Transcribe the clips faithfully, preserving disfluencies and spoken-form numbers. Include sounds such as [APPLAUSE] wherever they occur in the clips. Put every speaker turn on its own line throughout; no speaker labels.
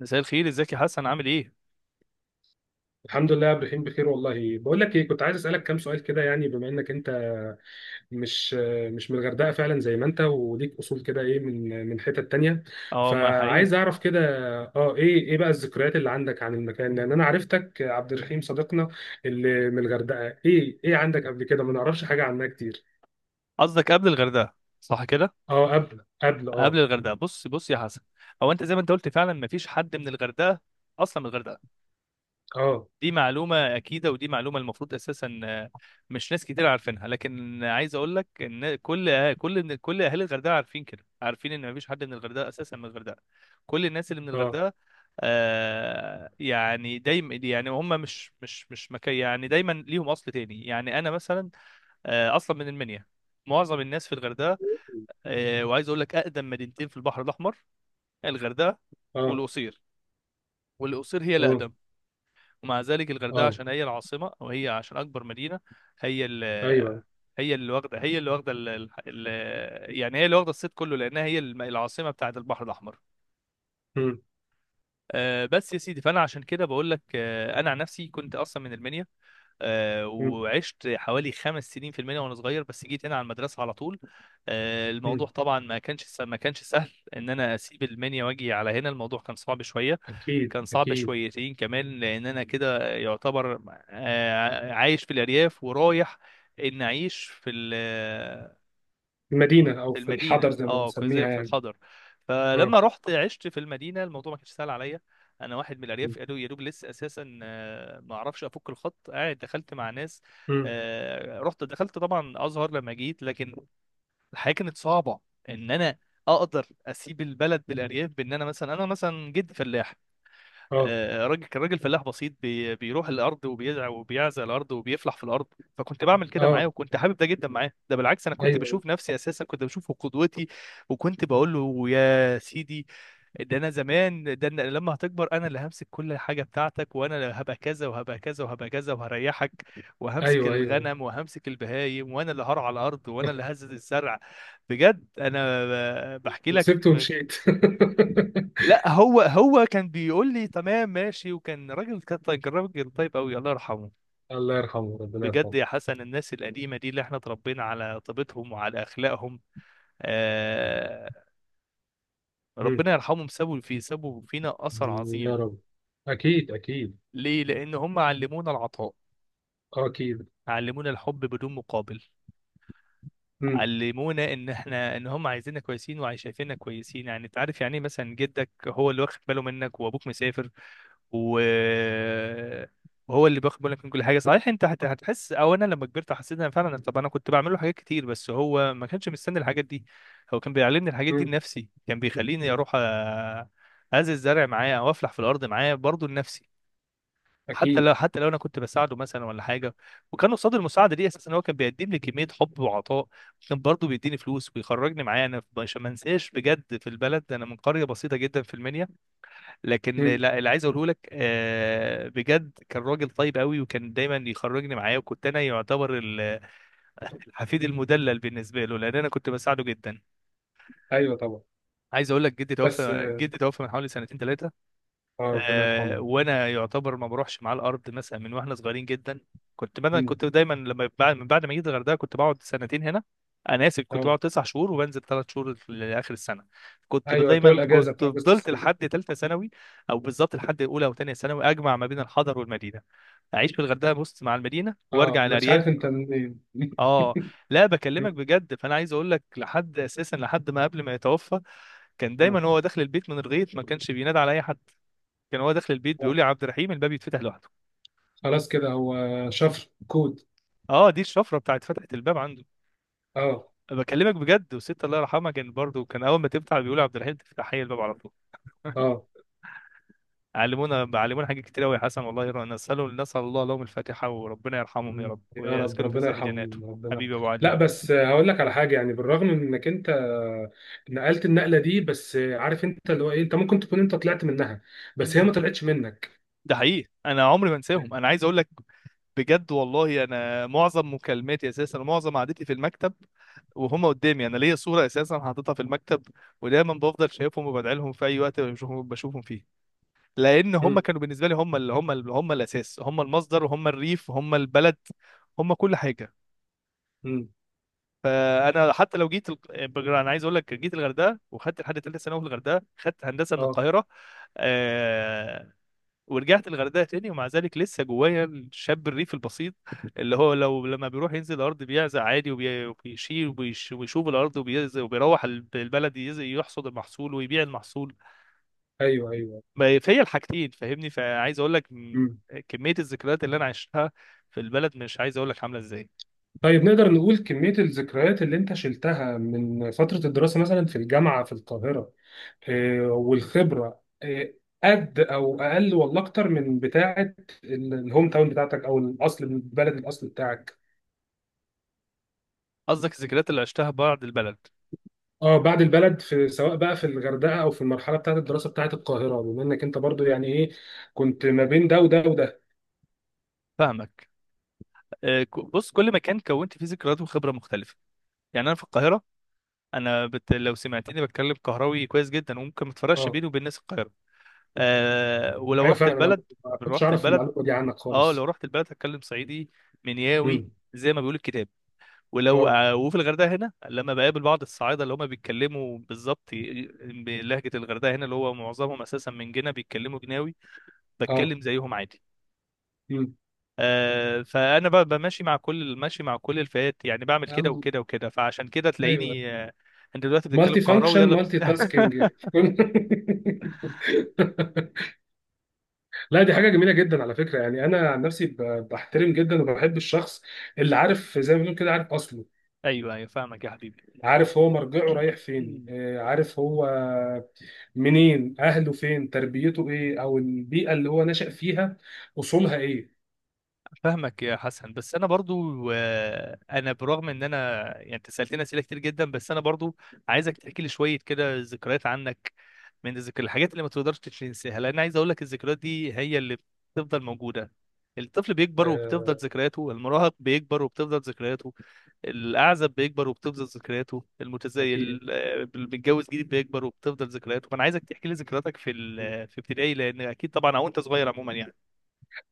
مساء الخير، ازيك يا حسن؟ عامل ايه؟
الحمد لله يا ابراهيم، بخير والله. بقول لك ايه، كنت عايز اسالك كام سؤال كده يعني، بما انك انت مش مش من الغردقه فعلا، زي ما انت وليك اصول كده، ايه من من حتت تانية؟
اه، ما حقيقي.
فعايز اعرف كده. اه، ايه ايه بقى الذكريات اللي عندك عن المكان؟ لان انا عرفتك عبد الرحيم صديقنا اللي من الغردقه، ايه ايه عندك قبل كده؟ ما نعرفش حاجه عنها كتير.
قصدك قبل الغردقه؟ صح كده.
اه، قبل قبل
قبل
اه
الغردقه، بص بص يا حسن. هو انت زي ما انت قلت فعلا ما فيش حد من الغردقه اصلا من الغردقه.
اه.
دي معلومة أكيدة، ودي معلومة المفروض أساسا، آه، مش ناس كتير عارفينها. لكن عايز أقول لك إن كل آه، كل كل أهالي الغردقة عارفين كده، عارفين إن مفيش حد من الغردقة أساسا من الغردقة. كل الناس اللي من
اه.
الغردقة، آه يعني دايما يعني هم مش مش مش مكي، يعني دايما ليهم أصل تاني. يعني أنا مثلا آه، أصلا من المنيا. معظم الناس في الغردقة. آه، وعايز أقول لك أقدم مدينتين في البحر الأحمر: الغردقة
اه.
والقصير. والقصير هي
اه.
الأقدم، ومع ذلك الغردقه
اه.
عشان هي العاصمه، او هي عشان اكبر مدينه. هي ال
ايوه.
هي اللي واخده، هي اللي واخده ال- ال- ال- يعني هي اللي واخده الصيت كله، لانها هي الم- العاصمه بتاعه البحر الاحمر.
مم.
آه، بس يا سيدي، فانا عشان كده بقول لك، آه، انا عن نفسي كنت اصلا من المنيا. آه،
مم.
وعشت حوالي خمس سنين في المنيا وانا صغير، بس جيت هنا على المدرسه على طول. آه، الموضوع
مم.
طبعا ما كانش س- ما كانش سهل [LAUGHS] ان انا اسيب المنيا واجي على هنا. الموضوع كان صعب شويه.
اكيد
كان صعب
اكيد.
شويتين كمان، لان انا كده يعتبر آه، عايش في الارياف ورايح ان اعيش في ال
في المدينة أو
في
في الحضر
المدينه.
زي ما
اه، كنت
بنسميها
زي في
يعني.
الخضر،
اه.
فلما رحت عشت في المدينه الموضوع ما كانش سهل عليا. انا واحد من الارياف، يا دوب يا دوب لسه اساسا آه، ما اعرفش افك الخط، قاعد دخلت مع ناس.
امم.
آه، رحت دخلت طبعا ازهر لما جيت، لكن الحياه كانت صعبه ان انا اقدر اسيب البلد بالارياف، بان انا مثلا، انا مثلا جد فلاح.
اه.
آه، راجل، كان راجل فلاح بسيط، بي- بيروح الارض وبيزرع وبيعزق الارض وبيفلح في الارض. فكنت بعمل كده
اه.
معاه، وكنت حابب ده جدا معاه. ده بالعكس، انا كنت
أيوه.
بشوف نفسي، اساسا كنت بشوفه قدوتي. وكنت بقول له: يا سيدي، ده انا زمان، ده أنا لما هتكبر انا اللي همسك كل حاجه بتاعتك، وانا اللي هبقى كذا وهبقى كذا وهبقى كذا وهريحك، وهمسك
أيوه. أيوه.
الغنم وهمسك البهايم، وانا اللي هرعى الارض وانا اللي
[LAUGHS]
هزت الزرع. بجد انا ب- بحكي لك.
وسبته ومشيت. [LAUGHS]
لا، هو هو كان بيقول لي: تمام، ماشي. وكان راجل، كان طيب- راجل طيب قوي، الله يرحمه.
الله يرحمه، ربنا
بجد
يرحمه.
يا حسن، الناس القديمه دي اللي احنا اتربينا على طيبتهم وعلى اخلاقهم. آه،
مم.
ربنا يرحمهم. سابوا في سابوا فينا اثر
يا
عظيم.
رب. أكيد أكيد.
ليه؟ لان هم علمونا العطاء،
اه، أكيد.
علمونا الحب بدون مقابل،
مم.
علمونا ان احنا، ان هم عايزيننا كويسين وشايفيننا كويسين. يعني انت عارف، يعني ايه مثلا جدك هو اللي واخد باله منك وابوك مسافر، و وهو اللي بياخد بالك من كل حاجه. صحيح، انت هت- هتحس، او انا لما كبرت حسيت ان فعلا، طب انا كنت بعمل له حاجات كتير بس هو ما كانش مستني الحاجات دي، هو كان بيعلمني الحاجات دي
مم.
لنفسي. كان بيخليني اروح أ- ازرع الزرع معاه او افلح في الارض معاه برضه لنفسي. حتى
أكيد.
لو حتى لو انا كنت بساعده مثلا ولا حاجه، وكان قصاد المساعده دي اساسا هو كان بيقدم لي كميه حب وعطاء. كان برضه بيديني فلوس ويخرجني معاه، انا في- عشان ما انساش بجد في البلد. انا من قريه بسيطه جدا في المنيا، لكن
مم.
لا، اللي عايز اقوله لك آه، بجد كان راجل طيب قوي، وكان دايما يخرجني معاه. وكنت انا يعتبر ال- [LAUGHS] الحفيد المدلل بالنسبه له، لان انا كنت بساعده جدا.
أيوه طبعا.
عايز اقول لك، جدي
بس
توفى
اه.
جدي توفى من حوالي سنتين ثلاثه.
ربنا
آه،
يرحمه.
وانا يعتبر ما بروحش مع الارض مثلا من واحنا صغيرين جدا. كنت مثلا،
مم.
كنت دايما لما بعد من بعد ما جيت الغردقه كنت بقعد سنتين هنا. انا اسف، كنت
اه،
بقعد تسع شهور وبنزل ثلاث شهور في- لاخر السنه. كنت
أيوه بتوع
دايما،
الأجازة،
كنت
بتاع أجازة
فضلت
الصيف.
لحد ثالثه ثانوي، او بالظبط لحد اولى او ثانيه ثانوي، اجمع ما بين الحضر والمدينه. اعيش في الغردقه بص مع المدينه
اه،
وارجع
ما أنتش عارف
الارياف.
أنت منين. [LAUGHS]
اه، لا، بكلمك
مم.
بجد. فانا عايز اقول لك لحد اساسا لحد ما قبل ما يتوفى، كان دايما هو داخل البيت من الغيط ما كانش بينادى على اي حد. كان هو داخل البيت
آه.
بيقول لي: يا عبد الرحيم الباب يتفتح لوحده.
خلاص كده هو، شفر كود.
اه، دي الشفره بتاعت فتحه الباب عنده.
اه.
بكلمك بجد، والست الله يرحمها كان برضه، كان اول ما تفتح بيقول: يا عبد الرحيم، تفتح هي الباب على طول.
اه.
علمونا علمونا حاجات كتير قوي يا حسن. والله يرى، نسال نسال الله لهم الفاتحه، وربنا يرحمهم يا
مم.
رب،
يا رب،
ويسكنوا في
ربنا
سيح جناته.
يرحمهم، ربنا يرحمهم.
حبيبي يا ابو
لا
علي.
بس آه، هقول لك على حاجه، يعني بالرغم من انك انت آه، نقلت النقله دي، بس آه، عارف انت اللي هو ايه، انت ممكن تكون انت طلعت منها، بس هي
مم.
ما طلعتش منك.
ده حقيقي، انا عمري ما انساهم. انا عايز اقول لك، بجد والله انا معظم مكالماتي اساسا ومعظم قعدتي في المكتب وهم قدامي. انا ليا صوره اساسا حاططها في المكتب، ودايما بفضل شايفهم وبدعي لهم في اي وقت بشوفهم، بشوفهم فيه. لان هم
مم.
كانوا بالنسبه لي، هم اللي هم اللي هم الاساس، هم المصدر، وهم الريف، وهم البلد. هم كل حاجه.
مم.
فانا حتى لو جيت ال... بجر- انا عايز اقول لك جيت الغردقه وخدت لحد ثالثه ثانوي في الغردقه، خدت هندسه من
اه.
القاهره. آه... ورجعت الغردقه تاني، ومع ذلك لسه جوايا الشاب الريف البسيط، اللي هو لو لما بيروح ينزل الارض بيعزق عادي، وبي- وبيشيل وبيش... ويشوف الارض وبيز... وبيروح الب- البلد يز... يحصد المحصول ويبيع المحصول.
ايوه ايوه.
ما- فيا الحاجتين، فاهمني؟ فعايز اقول لك م-
مم.
كميه الذكريات اللي انا عشتها في البلد مش عايز اقول لك عامله ازاي.
طيب، نقدر نقول كميه الذكريات اللي انت شلتها من فتره الدراسه مثلا في الجامعه في القاهره آه، والخبره، آه، قد او اقل ولا اكتر من بتاعه ال- الهوم تاون بتاعتك، او الاصل، البلد الاصل بتاعك؟
قصدك الذكريات اللي عشتها بعد البلد؟
اه، بعد البلد في، سواء بقى في الغردقه او في المرحله بتاعه الدراسه بتاعه القاهره، بما انك انت برضو يعني ايه، كنت ما بين ده وده وده.
فاهمك. آه، ك- بص، كل مكان كونت فيه ذكريات وخبره مختلفه. يعني انا في القاهره، انا بت... لو سمعتني بتكلم قهراوي كويس جدا وممكن ما تفرقش
اه،
بيني وبين ناس القاهره. أه، ولو
ايوه
رحت
فعلا. انا
البلد،
ما كنتش
رحت
اعرف
البلد
المعلومه دي عنك
اه لو
خالص.
رحت البلد هتكلم صعيدي، منياوي،
امم.
زي ما بيقول الكتاب. ولو
اه.
آه، وفي الغردقه هنا لما بقابل بعض الصعايده اللي هم بيتكلموا بالظبط ي- بلهجه الغردقه هنا، اللي هو معظمهم اساسا من جنا، بيتكلموا جناوي،
اه.
بتكلم زيهم عادي.
امم.
آه، فانا ب- بمشي مع كل، ماشي مع كل الفئات. يعني بعمل كده
أم-
وكده وكده، فعشان كده
ايوه.
تلاقيني آه، انت دلوقتي بتتكلم
مالتي
قهراوي
فانكشن،
يلا ب-
مالتي تاسكينج.
[LAUGHS]
[LAUGHS] لا، دي حاجه جميله جدا على فكره. يعني انا عن نفسي ب- بحترم جدا وبحب الشخص اللي عارف، زي ما بنقول كده، عارف اصله،
ايوه ايوه، فاهمك يا حبيبي.
عارف هو مرجعه رايح فين،
[CLEARS THROAT]
آه، عارف هو منين، اهله فين، تربيته ايه، او البيئه اللي هو نشأ فيها اصولها ايه.
فاهمك يا حسن، بس انا برضو آه، انا برغم ان انا، يعني انت سالتني اسئله كتير جدا، بس انا برضو عايزك تحكي لي شويه كده ذكريات عنك، من الذكر الحاجات اللي ما تقدرش تنساها. لان عايز اقول لك الذكريات دي هي اللي بتفضل موجوده. الطفل بيكبر وبتفضل
آه،
ذكرياته، المراهق بيكبر وبتفضل ذكرياته، الاعزب بيكبر وبتفضل ذكرياته، المتزايد
اكيد.
اللي بيتجوز جديد بيكبر وبتفضل ذكرياته. فانا عايزك تحكي لي ذكرياتك في ال- في ابتدائي، لان اكيد طبعا او انت صغير عموما يعني.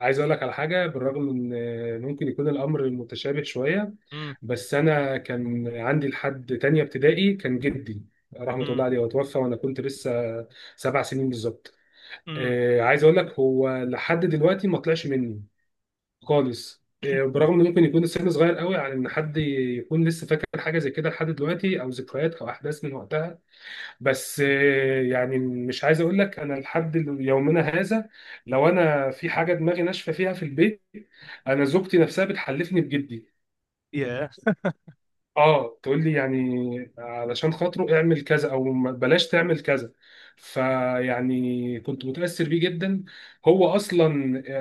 عايز اقول لك على حاجه، بالرغم من آه، ممكن يكون الامر متشابه شويه،
امم.
بس انا كان عندي لحد تانية ابتدائي كان جدي رحمه
امم.
الله عليه، وتوفى وانا كنت لسه سبع سنين بالظبط.
امم.
آه، عايز اقول لك، هو لحد دلوقتي ما طلعش مني خالص. آه، برغم ان ممكن يكون السن صغير قوي على ان حد يكون لسه فاكر حاجه زي كده لحد دلوقتي، او ذكريات او احداث من وقتها، بس آه، يعني مش عايز اقول لك، انا لحد يومنا هذا لو انا في حاجه دماغي ناشفه فيها في البيت، انا زوجتي نفسها بتحلفني بجدي.
ياه.
اه، تقول لي يعني علشان خاطره اعمل كذا، او ما- بلاش تعمل كذا. فيعني كنت متأثر بيه جدا. هو اصلا،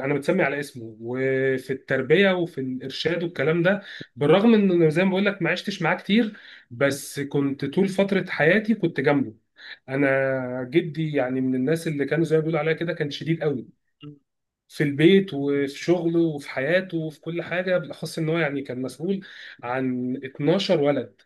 انا متسمي على اسمه. وفي التربية وفي الارشاد والكلام ده، بالرغم ان أنا زي ما بقول لك ما عشتش معاه كتير، بس كنت طول فترة حياتي كنت جنبه. انا جدي يعني من الناس اللي كانوا زي ما بيقولوا عليها كده، كان شديد قوي
مم.
في البيت وفي شغله وفي حياته وفي كل حاجة، بالأخص إن هو يعني كان مسؤول عن اتناشر ولد.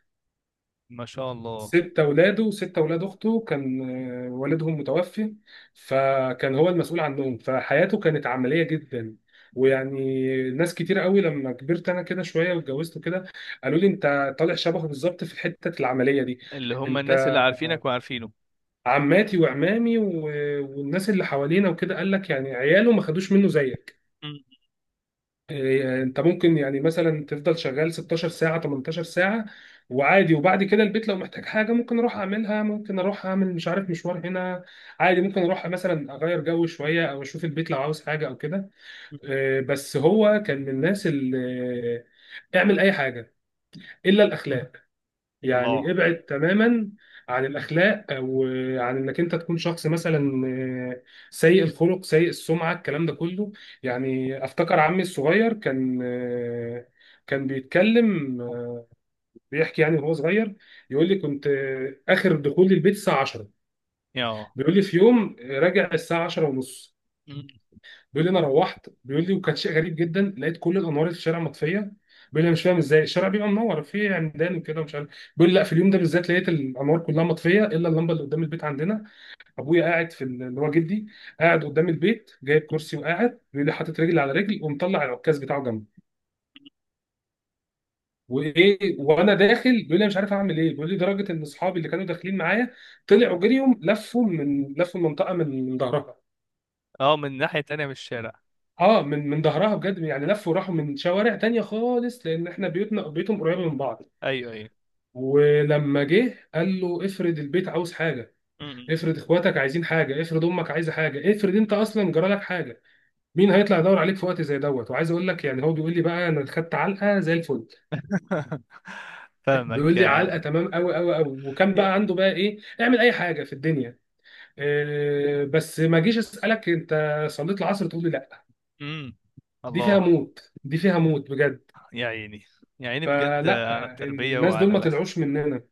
ما شاء الله.
ست اولاده وست اولاد اخته كان آه، والدهم متوفي، فكان هو المسؤول عنهم، فحياته كانت عمليه جدا. ويعني ناس كتير قوي لما كبرت انا كده شويه واتجوزت كده، قالوا لي انت طالع شبهه بالظبط في حته العمليه دي.
اللي هم
انت
الناس اللي عارفينك وعارفينه.
عماتي وعمامي و... والناس اللي حوالينا وكده، قال لك يعني عياله ما خدوش منه زيك.
مم.
إيه، انت ممكن يعني مثلا تفضل شغال ستاشر ساعة، تمنتاشر ساعة، وعادي. وبعد كده البيت لو محتاج حاجة ممكن اروح اعملها، ممكن اروح اعمل مش عارف مشوار هنا، عادي. ممكن اروح مثلا اغير جو شوية او اشوف البيت لو عاوز حاجة او كده. إيه، بس هو كان من الناس اللي آه، اعمل اي حاجة الا الاخلاق. يعني
الله.
ابعد تماما عن الاخلاق، او عن انك انت تكون شخص مثلا آه، سيء الخلق، سيء السمعه، الكلام ده كله. يعني افتكر عمي الصغير كان آه، كان بيتكلم، آه، بيحكي يعني وهو صغير، يقول لي كنت آه، اخر دخول البيت الساعه عشرة.
اه.
بيقول لي في يوم آه، راجع الساعه عشرة ونص.
مم.
بيقول لي انا روحت، بيقول لي وكان شيء غريب جدا، لقيت كل الانوار اللي في الشارع مطفيه. بيقول لي انا مش فاهم ازاي الشارع بيبقى منور في عمدان وكده، ومش عارف. بيقول لي لا، في اليوم ده بالذات لقيت الانوار كلها مطفيه الا اللمبه اللي قدام البيت عندنا. ابويا قاعد في ال- اللي هو جدي، قاعد قدام البيت جايب كرسي وقاعد، بيقول لي حاطط رجل على رجل ومطلع العكاز بتاعه جنبه، وايه. وانا داخل، بيقول لي أنا مش عارف اعمل ايه. بيقول لي لدرجه ان اصحابي اللي كانوا داخلين معايا طلعوا جريهم، لفوا من لفوا المنطقه من ظهرها.
اه، من ناحية تانية من الشارع.
اه، من من ظهرها بجد، يعني لفوا وراحوا من شوارع تانية خالص، لان احنا بيوتنا بيوتهم قريبه من بعض.
ايوه ايوه.
ولما جه قال له افرض البيت عاوز حاجه،
مم.
افرض اخواتك عايزين حاجه، افرض امك عايزه حاجه، افرض انت اصلا جرالك حاجه، مين هيطلع يدور عليك في وقت زي دوت؟ وعايز اقول لك يعني، هو بيقول لي بقى انا خدت علقه زي الفل.
[LAUGHS] فاهمك
بيقول لي علقه
يا،
تمام قوي قوي قوي. وكان بقى
يا.
عنده بقى ايه، اعمل اي حاجه في الدنيا، إيه، بس ما جيش اسالك انت صليت العصر تقول لي لا.
مم.
دي فيها
الله.
موت، دي فيها موت بجد.
يا عيني، يا عيني بجد
فلا،
على التربية
الناس دول
وعلى
ما
الأخ.
طلعوش مننا.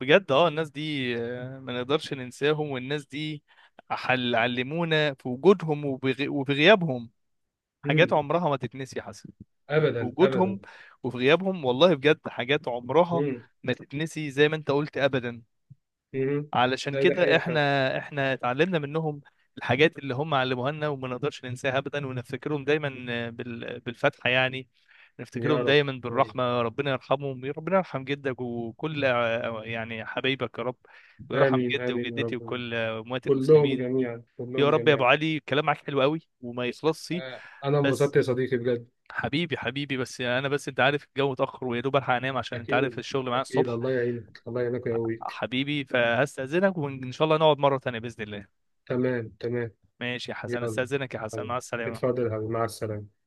بجد، اه، الناس دي آه، ما نقدرش ننساهم، والناس دي حل، علمونا في وجودهم وبغي... وبغيابهم حاجات
مم.
عمرها ما تتنسي، حسن.
ابدا ابدا.
وجودهم وفي غيابهم، والله بجد حاجات عمرها
مم.
ما تتنسي زي ما انت قلت، ابدا.
مم.
علشان
لا، ده
كده
حقيقة
احنا،
فعلا.
احنا اتعلمنا منهم الحاجات اللي هم علموها لنا، وما نقدرش ننساها ابدا، ونفتكرهم دايما بال- بالفتحه يعني.
يا
نفتكرهم
رب
دايما
يا رب.
بالرحمه. ربنا يرحمهم. ربنا يرحم جدك وكل، يعني حبايبك يا رب، ويرحم
امين
جدي
امين يا
وجدتي
رب،
وكل اموات
كلهم
المسلمين.
جميعا،
يا
كلهم
رب. يا ابو
جميعا.
علي، الكلام معاك حلو قوي وما يخلصش،
آه، انا انبسطت
بس
يا صديقي بجد.
حبيبي، حبيبي، بس انا، بس انت عارف الجو اتاخر ويا دوب الحق انام عشان انت عارف
اكيد
الشغل معايا
اكيد.
الصبح.
الله يعينك، الله يعينك ويقويك.
حبيبي، فهستاذنك، وان شاء الله نقعد مره تانية باذن الله.
تمام تمام.
ماشي يا حسن،
يلا.
استاذنك يا حسن،
يلا.
مع السلامه.
اتفضل يا حبيبي، مع السلامة.